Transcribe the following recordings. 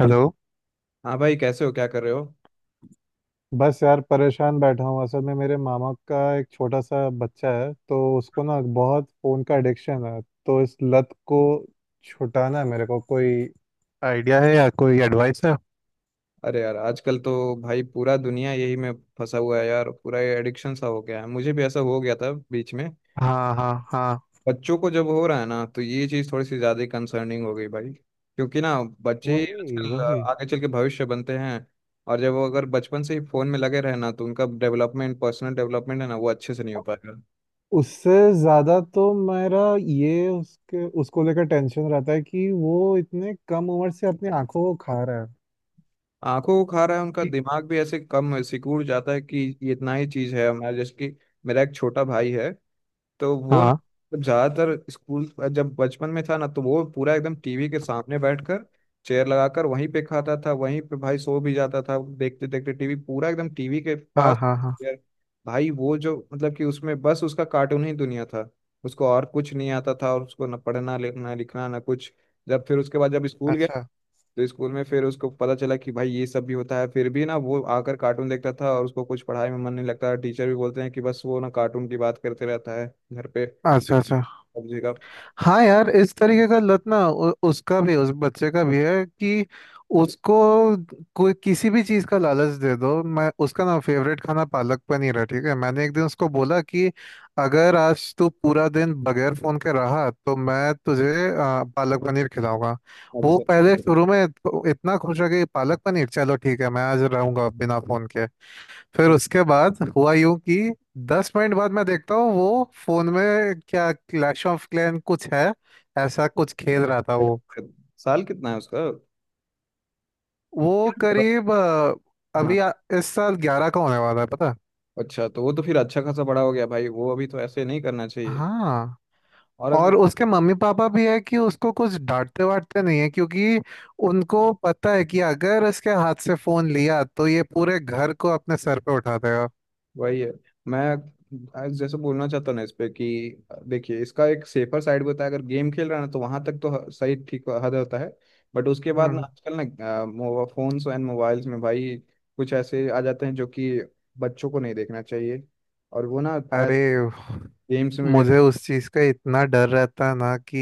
Hello. हाँ भाई, कैसे हो? क्या कर रहे हो? बस यार परेशान बैठा हूँ, असल में मेरे मामा का एक छोटा सा बच्चा है, तो उसको ना बहुत फ़ोन का एडिक्शन है। तो इस लत को छुटाना है, मेरे को कोई आइडिया है या कोई एडवाइस है? अरे यार, आजकल तो भाई पूरा दुनिया यही में फंसा हुआ है यार। पूरा ये एडिक्शन सा हो गया है। मुझे भी ऐसा हो गया था बीच में। हाँ, हाँ, हाँ। बच्चों को जब हो रहा है ना, तो ये चीज़ थोड़ी सी ज़्यादा कंसर्निंग हो गई भाई, क्योंकि ना बच्चे ही वही, आजकल वही। आगे चल के भविष्य बनते हैं। और जब वो अगर बचपन से ही फ़ोन में लगे रहे ना, तो उनका डेवलपमेंट, पर्सनल डेवलपमेंट है ना, वो अच्छे से नहीं हो पाएगा। उससे ज़्यादा तो मेरा ये उसके उसको लेकर टेंशन रहता है कि वो इतने कम उम्र से अपनी आंखों को खा रहा है। आंखों को खा रहा है, उनका कि- दिमाग भी ऐसे कम सिकुड़ जाता है कि ये इतना ही चीज़ है हमारा। जैसे कि मेरा एक छोटा भाई है, तो वो ना हाँ, ज्यादातर स्कूल, जब बचपन में था ना, तो वो पूरा एकदम टीवी के सामने बैठकर, चेयर लगाकर वहीं पे खाता था, वहीं पे भाई सो भी जाता था, देखते देखते टीवी, पूरा एकदम टीवी के हाँ, पास हाँ, हाँ। यार। भाई वो जो, मतलब कि उसमें बस उसका कार्टून ही दुनिया था। उसको और कुछ नहीं आता था, और उसको ना पढ़ना लिखना लिखना ना कुछ। जब फिर उसके बाद जब स्कूल गया, अच्छा, तो स्कूल में फिर उसको पता चला कि भाई ये सब भी होता है। फिर भी ना वो आकर कार्टून देखता था और उसको कुछ पढ़ाई में मन नहीं लगता था। टीचर भी बोलते हैं कि बस वो ना कार्टून की बात करते रहता है घर पे, अच्छा, अच्छा। सब्जी का। हाँ यार, इस तरीके का लत ना उसका भी, उस बच्चे का भी है कि उसको कोई किसी भी चीज़ का लालच दे दो। मैं, उसका ना फेवरेट खाना पालक पनीर है, ठीक है। मैंने एक दिन उसको बोला कि अगर आज तू पूरा दिन बगैर फोन के रहा तो मैं तुझे पालक पनीर खिलाऊंगा। वो अच्छा, पहले शुरू में तो इतना खुश हो गई, पालक पनीर, चलो ठीक है, मैं आज रहूंगा बिना फोन के। फिर उसके बाद हुआ यूं कि 10 मिनट बाद मैं देखता हूँ वो फोन में क्या, क्लैश ऑफ क्लैन कुछ है, ऐसा कुछ खेल रहा था वो। अच्छा। साल कितना है उसका? वो करीब हाँ। अभी इस साल 11 का होने वाला है पता। अच्छा, तो वो तो फिर अच्छा खासा बड़ा हो गया भाई। वो अभी तो ऐसे नहीं करना चाहिए। हाँ। और अगर, और उसके मम्मी पापा भी है कि उसको कुछ डांटते वाटते नहीं है, क्योंकि उनको पता है कि अगर इसके हाथ से फोन लिया तो ये पूरे घर को अपने सर पे उठा देगा। वही है। मैं आज जैसे बोलना चाहता हूँ ना इस पे कि देखिए, इसका एक सेफर साइड भी होता है। अगर गेम खेल रहा है ना, तो वहां तक तो सही ठीक हद होता है। बट उसके बाद ना हम्म। आजकल ना फोन्स एंड मोबाइल्स में भाई कुछ ऐसे आ जाते हैं जो कि बच्चों को नहीं देखना चाहिए। और वो ना अरे गेम्स में भी, मुझे उस चीज का इतना डर रहता है ना, कि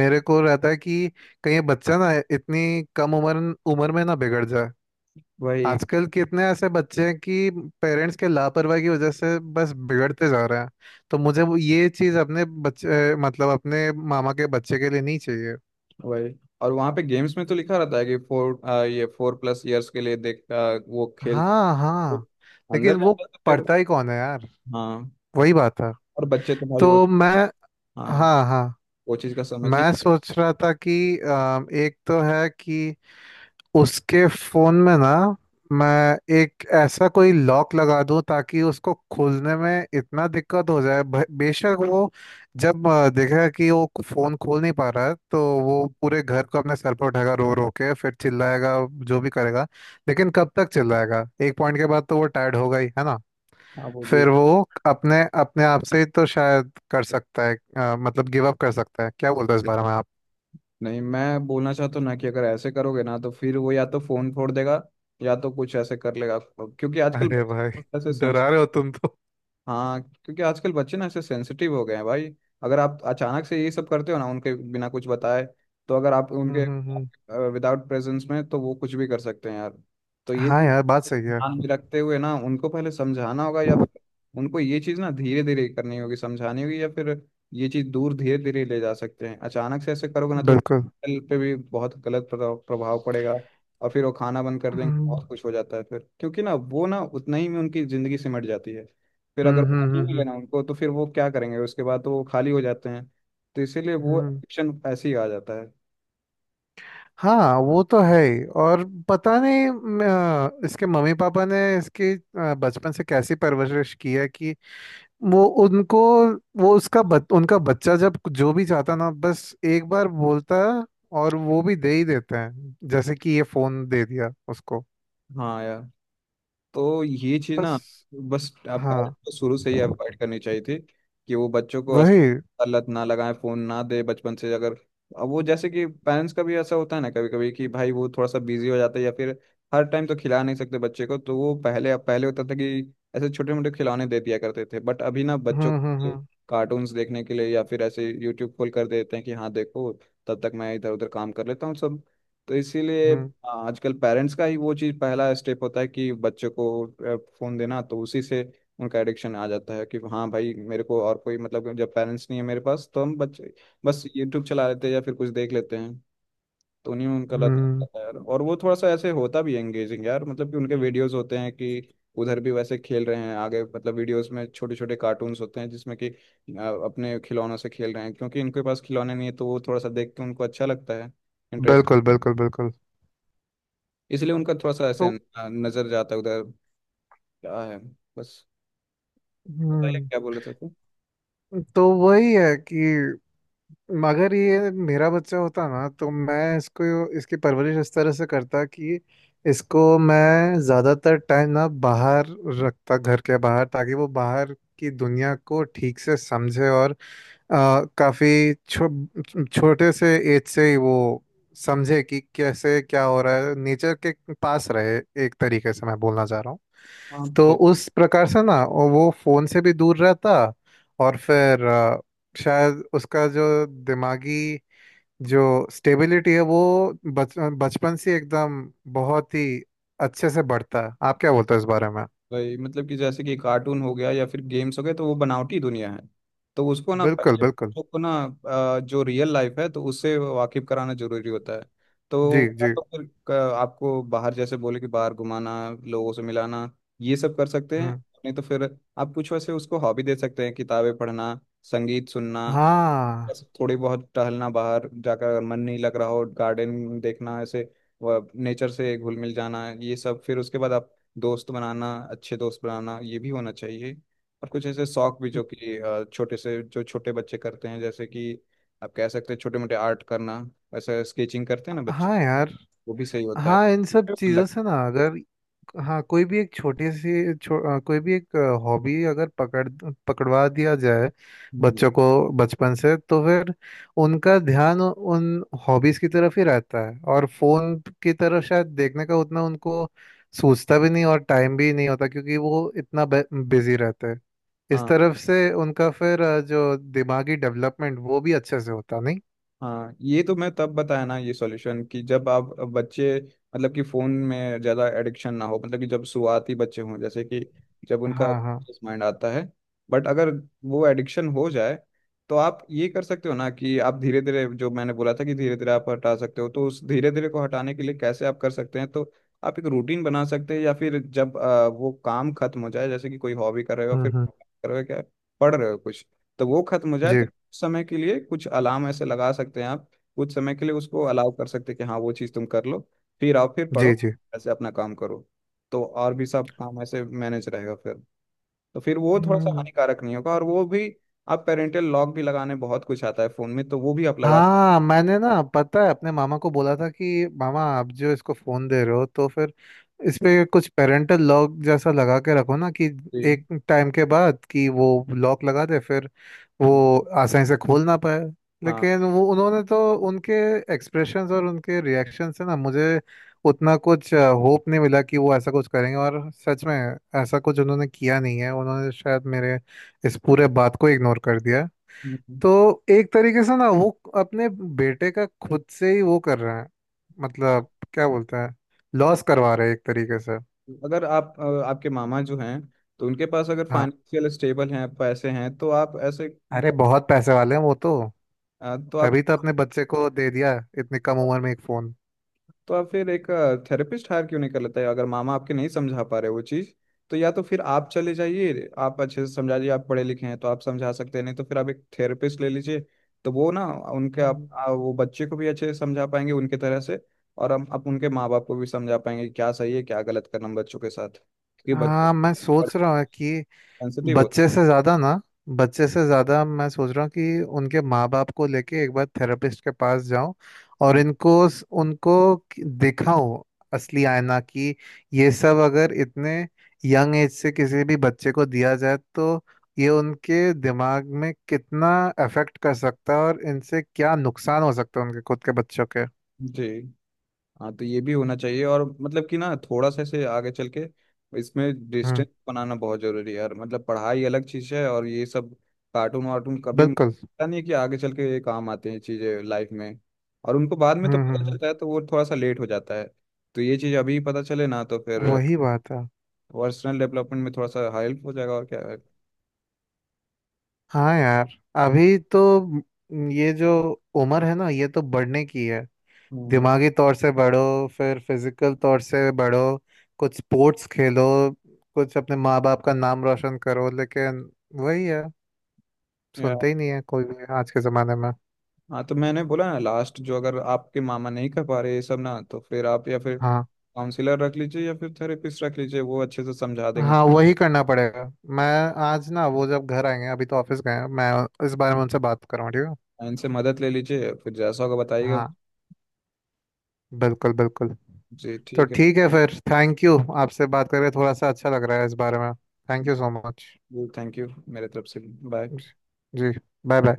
मेरे को रहता है कि कहीं ये बच्चा ना इतनी कम उम्र उम्र में ना बिगड़ जाए। वही आजकल कितने ऐसे बच्चे हैं कि पेरेंट्स के लापरवाही की वजह से बस बिगड़ते जा रहे हैं। तो मुझे ये चीज अपने बच्चे, मतलब अपने मामा के बच्चे के लिए नहीं चाहिए। वही। और वहां पे गेम्स में तो लिखा रहता है कि फोर, ये फोर प्लस इयर्स के लिए देख वो खेल सकते। हाँ, हाँ। अंदर लेकिन वो जाता है, तो फिर पढ़ता ही कौन है यार। हाँ। वही बात है। और बच्चे तो भाई वो, तो मैं। हाँ, हाँ, हाँ। वो चीज का समझ ही। मैं सोच रहा था कि एक तो है कि उसके फोन में ना मैं एक ऐसा कोई लॉक लगा दूं, ताकि उसको खोलने में इतना दिक्कत हो जाए, बेशक वो जब देखेगा कि वो फोन खोल नहीं पा रहा है तो वो पूरे घर को अपने सर पर उठाएगा, रो रो के फिर चिल्लाएगा, जो भी करेगा। लेकिन कब तक चिल्लाएगा, एक पॉइंट के बाद तो वो टायर्ड होगा ही, है ना? हाँ, वो भी फिर वो अपने अपने आप से ही तो शायद कर सकता है, मतलब गिव अप कर सकता है। क्या बोलते हो इस बारे में आप? नहीं। मैं बोलना चाहता हूँ ना कि अगर ऐसे करोगे ना, तो फिर वो या तो फोन फोड़ देगा, या तो कुछ ऐसे कर लेगा, क्योंकि आजकल अरे भाई, ऐसे, डरा रहे हो तुम तो। हाँ, क्योंकि आजकल बच्चे ना ऐसे सेंसिटिव हो गए हैं भाई। अगर आप अचानक से ये सब करते हो ना उनके, बिना कुछ बताए, तो अगर आप हम्म, उनके हम्म। विदाउट प्रेजेंस में, तो वो कुछ भी कर सकते हैं यार। तो ये हाँ चीज़ यार, बात सही है। ध्यान में रखते हुए ना उनको पहले समझाना होगा, या फिर उनको ये चीज़ ना धीरे धीरे करनी होगी, समझानी होगी। या फिर ये चीज़ दूर धीरे धीरे ले जा सकते हैं। अचानक से ऐसे करोगे ना, तो बिल्कुल। उनके हेल्थ पे भी बहुत गलत प्रभाव प्रभाव पड़ेगा। और फिर वो खाना बंद कर देंगे, हम्म, बहुत कुछ हो जाता है फिर, क्योंकि ना वो ना उतना ही में उनकी ज़िंदगी सिमट जाती है। फिर अगर हम्म, वो हम्म। नहीं हम्म, लेना उनको, तो फिर वो क्या करेंगे उसके बाद? तो वो खाली हो जाते हैं। तो इसीलिए हम्म, वो हम्म। एडिक्शन ऐसे ही आ जाता है। हाँ वो तो है ही, और पता नहीं इसके मम्मी पापा ने इसकी बचपन से कैसी परवरिश की है कि वो उनको, वो उसका उनका बच्चा जब जो भी चाहता ना बस एक बार बोलता है और वो भी दे ही देते हैं, जैसे कि ये फोन दे दिया उसको। हाँ यार, तो ये चीज बस। ना बस आप पेरेंट्स हाँ। को शुरू से ही अवॉइड करनी चाहिए थी कि वो बच्चों को वही। ऐसा लत ना लगाएं, फोन ना दे बचपन से। अगर अब वो, जैसे कि पेरेंट्स का भी ऐसा होता है ना कभी कभी कि भाई वो थोड़ा सा बिजी हो जाता है, या फिर हर टाइम तो खिला नहीं सकते बच्चे को, तो वो पहले पहले होता था कि ऐसे छोटे मोटे खिलौने दे दिया करते थे, बट अभी ना बच्चों हम्म, हम्म, को हम्म। कार्टून्स देखने के लिए या फिर ऐसे यूट्यूब खोल कर देते हैं कि हाँ देखो, तब तक मैं इधर उधर काम कर लेता हूँ सब। तो इसीलिए, हम्म, हाँ, आजकल पेरेंट्स का ही वो चीज पहला स्टेप होता है कि बच्चे को फोन देना। तो उसी से उनका एडिक्शन आ जाता है कि हाँ भाई, मेरे को और कोई, मतलब जब पेरेंट्स नहीं है मेरे पास तो हम बच्चे बस यूट्यूब चला लेते हैं या फिर कुछ देख लेते हैं। तो उन्हीं में उनका लत लग हम्म। जाता है यार। और वो थोड़ा सा ऐसे होता भी है एंगेजिंग यार, मतलब कि उनके वीडियोस होते हैं कि उधर भी वैसे खेल रहे हैं आगे, मतलब वीडियोस में छोटे छोटे कार्टून्स होते हैं जिसमें कि अपने खिलौनों से खेल रहे हैं। क्योंकि इनके पास खिलौने नहीं है, तो वो थोड़ा सा देख के उनको अच्छा लगता है, इंटरेस्ट। बिल्कुल, बिल्कुल, बिल्कुल। इसलिए उनका थोड़ा सा ऐसे तो। नजर जाता है उधर। क्या है, बस। बताइए हम्म। क्या बोल रहे थे तुम। तो वही है कि अगर ये मेरा बच्चा होता ना, तो मैं इसको, इसकी परवरिश इस तरह से करता कि इसको मैं ज़्यादातर टाइम ना बाहर रखता, घर के बाहर, ताकि वो बाहर की दुनिया को ठीक से समझे और काफी छोटे से एज से ही वो समझे कि कैसे क्या हो रहा है, नेचर के पास रहे, एक तरीके से मैं बोलना चाह रहा हूँ। हाँ तो सही। उस प्रकार से ना वो फोन से भी दूर रहता, और फिर शायद उसका जो दिमागी जो स्टेबिलिटी है वो बच बचपन से एकदम बहुत ही अच्छे से बढ़ता है। आप क्या बोलते हो इस बारे में? भाई मतलब कि जैसे कि कार्टून हो गया या फिर गेम्स हो गए, तो वो बनावटी दुनिया है। तो उसको ना बिल्कुल, पहले बिल्कुल। बच्चों को ना जो रियल लाइफ है, तो उससे वाकिफ कराना जरूरी होता है। जी, तो या जी। तो फिर आपको बाहर, जैसे बोले कि बाहर घुमाना, लोगों से मिलाना, ये सब कर सकते हैं। हम्म। नहीं तो फिर आप कुछ वैसे उसको हॉबी दे सकते हैं, किताबें पढ़ना, संगीत सुनना, हाँ। जैसे थोड़ी बहुत टहलना बाहर जाकर, अगर मन नहीं लग रहा हो गार्डन देखना ऐसे, नेचर से घुल मिल जाना। ये सब फिर उसके बाद आप दोस्त बनाना, अच्छे दोस्त बनाना, ये भी होना चाहिए। और कुछ ऐसे शौक भी जो कि छोटे से, जो छोटे बच्चे करते हैं, जैसे कि आप कह सकते हैं छोटे मोटे आर्ट करना, वैसे स्केचिंग करते हैं ना बच्चे, हाँ यार। वो भी सही होता है हाँ, इन सब लग। चीज़ों से ना, अगर हाँ कोई भी एक छोटी सी कोई भी एक हॉबी अगर पकड़वा दिया जाए हम्म। बच्चों को बचपन से, तो फिर उनका ध्यान उन हॉबीज की तरफ ही रहता है और फोन की तरफ शायद देखने का उतना उनको सूझता भी नहीं, और टाइम भी नहीं होता क्योंकि वो इतना बिजी रहते हैं। इस हाँ। तरफ से उनका फिर जो दिमागी डेवलपमेंट वो भी अच्छे से होता नहीं। हाँ, ये तो मैं तब बताया ना ये सॉल्यूशन कि जब आप बच्चे, मतलब कि फोन में ज्यादा एडिक्शन ना हो, मतलब कि जब शुरुआती बच्चे हों, जैसे कि जब उनका हाँ, हाँ। माइंड आता है। बट अगर वो एडिक्शन हो जाए, तो आप ये कर सकते हो ना कि आप धीरे धीरे, जो मैंने बोला था कि धीरे धीरे आप हटा सकते हो, तो उस धीरे धीरे को हटाने के लिए कैसे आप कर सकते हैं, तो आप एक रूटीन बना सकते हैं। या फिर जब वो काम खत्म हो जाए, जैसे कि कोई हॉबी कर रहे हो, फिर हम्म, हम्म। कर रहे हो क्या, पढ़ रहे हो कुछ, तो वो खत्म हो जाए, जी, समय के लिए कुछ अलार्म ऐसे लगा सकते हैं आप। कुछ समय के लिए उसको अलाउ कर सकते हैं कि हाँ वो चीज़ तुम कर लो, फिर आओ, फिर जी, पढ़ो, जी। ऐसे अपना काम करो। तो और भी सब काम ऐसे मैनेज रहेगा फिर, तो फिर वो थोड़ा सा हम्म। हानिकारक नहीं होगा। और वो भी, आप पेरेंटल लॉक भी लगाने, बहुत कुछ आता है फ़ोन में, तो वो भी आप लगा सकते हाँ मैंने ना, पता है, अपने मामा को बोला था कि मामा आप जो इसको फोन दे रहे हो तो फिर इस पे कुछ पेरेंटल लॉक जैसा लगा के रखो ना, कि हैं। एक टाइम के बाद कि वो लॉक लगा दे फिर वो आसानी से खोल ना पाए। हाँ। लेकिन वो उन्होंने तो, उनके एक्सप्रेशंस और उनके रिएक्शन से ना मुझे उतना कुछ होप नहीं मिला कि वो ऐसा कुछ करेंगे। और सच में ऐसा कुछ उन्होंने किया नहीं है, उन्होंने शायद मेरे इस पूरे बात को इग्नोर कर दिया। हम्म। हम्म। तो एक तरीके से ना वो अपने बेटे का खुद से ही वो कर रहे हैं, मतलब हाँ। क्या बोलते हैं, लॉस करवा रहे हैं एक तरीके से। तो अगर आप आपके मामा जो हैं, तो उनके पास अगर हाँ, फाइनेंशियल स्टेबल हैं, पैसे हैं, तो आप ऐसे, अरे बहुत पैसे वाले हैं वो तो, तो आप, तभी तो अपने बच्चे को दे दिया इतनी कम उम्र में एक फोन। तो आप फिर एक थेरेपिस्ट हायर क्यों नहीं कर लेते, अगर मामा आपके नहीं समझा पा रहे वो चीज़। तो या तो फिर आप चले जाइए, आप अच्छे से समझा दीजिए, आप पढ़े लिखे हैं तो आप समझा सकते हैं, नहीं तो फिर आप एक थेरेपिस्ट ले लीजिए। तो वो ना उनके, आप हम्म। वो बच्चे को भी अच्छे से समझा पाएंगे उनके तरह से, और हम, आप उनके माँ बाप को भी समझा पाएंगे कि क्या सही है, क्या गलत करना है बच्चों के साथ। क्योंकि बच्चे हाँ मैं सोच रहा हूँ कि सेंसिटिव होते बच्चे से ज्यादा ना, बच्चे से ज्यादा मैं सोच रहा हूँ कि उनके माँ बाप को लेके एक बार थेरेपिस्ट के पास जाऊं और हैं। इनको उनको दिखाऊं असली आईना, कि ये सब अगर इतने यंग एज से किसी भी बच्चे को दिया जाए तो ये उनके दिमाग में कितना अफेक्ट कर सकता है और इनसे क्या नुकसान हो सकता है उनके खुद के बच्चों के। जी। हाँ, तो ये भी होना चाहिए। और मतलब कि ना थोड़ा सा ऐसे आगे चल के इसमें हम्म। डिस्टेंस बनाना बहुत जरूरी है यार। मतलब पढ़ाई अलग चीज है, और ये सब कार्टून वार्टून, कभी बिल्कुल। पता नहीं कि आगे चल के ये काम आते हैं चीजें लाइफ में। और उनको बाद में तो हम्म, पता हम्म। चलता है, तो वो थोड़ा सा लेट हो जाता है। तो ये चीज अभी पता चले ना, तो फिर वही बात है। पर्सनल डेवलपमेंट में थोड़ा सा हेल्प हो जाएगा, और क्या है। हाँ यार, अभी तो ये जो उम्र है ना ये तो बढ़ने की है, हम्म। दिमागी तौर से बढ़ो फिर फिजिकल तौर से बढ़ो, कुछ स्पोर्ट्स खेलो, कुछ अपने माँ बाप का नाम रोशन करो, लेकिन वही है, यार सुनते ही नहीं है कोई भी आज के ज़माने में। हाँ, तो मैंने बोला ना लास्ट, जो अगर आपके मामा नहीं कर पा रहे ये सब ना, तो फिर आप या फिर हाँ, काउंसलर रख लीजिए, या फिर थेरेपिस्ट रख लीजिए, वो अच्छे से समझा देंगे। हाँ वही करना पड़ेगा। मैं आज ना वो जब घर आएंगे, अभी तो ऑफिस गए हैं, मैं इस बारे में उनसे बात करूँ ठीक है। इनसे मदद ले लीजिए, फिर जैसा होगा बताइएगा। हाँ, बिल्कुल, बिल्कुल। जी तो ठीक है। ठीक है फिर, थैंक यू। आपसे बात करके थोड़ा सा अच्छा लग रहा है इस बारे में, थैंक यू सो मच। जी थैंक यू मेरे तरफ से। बाय। जी, बाय, बाय।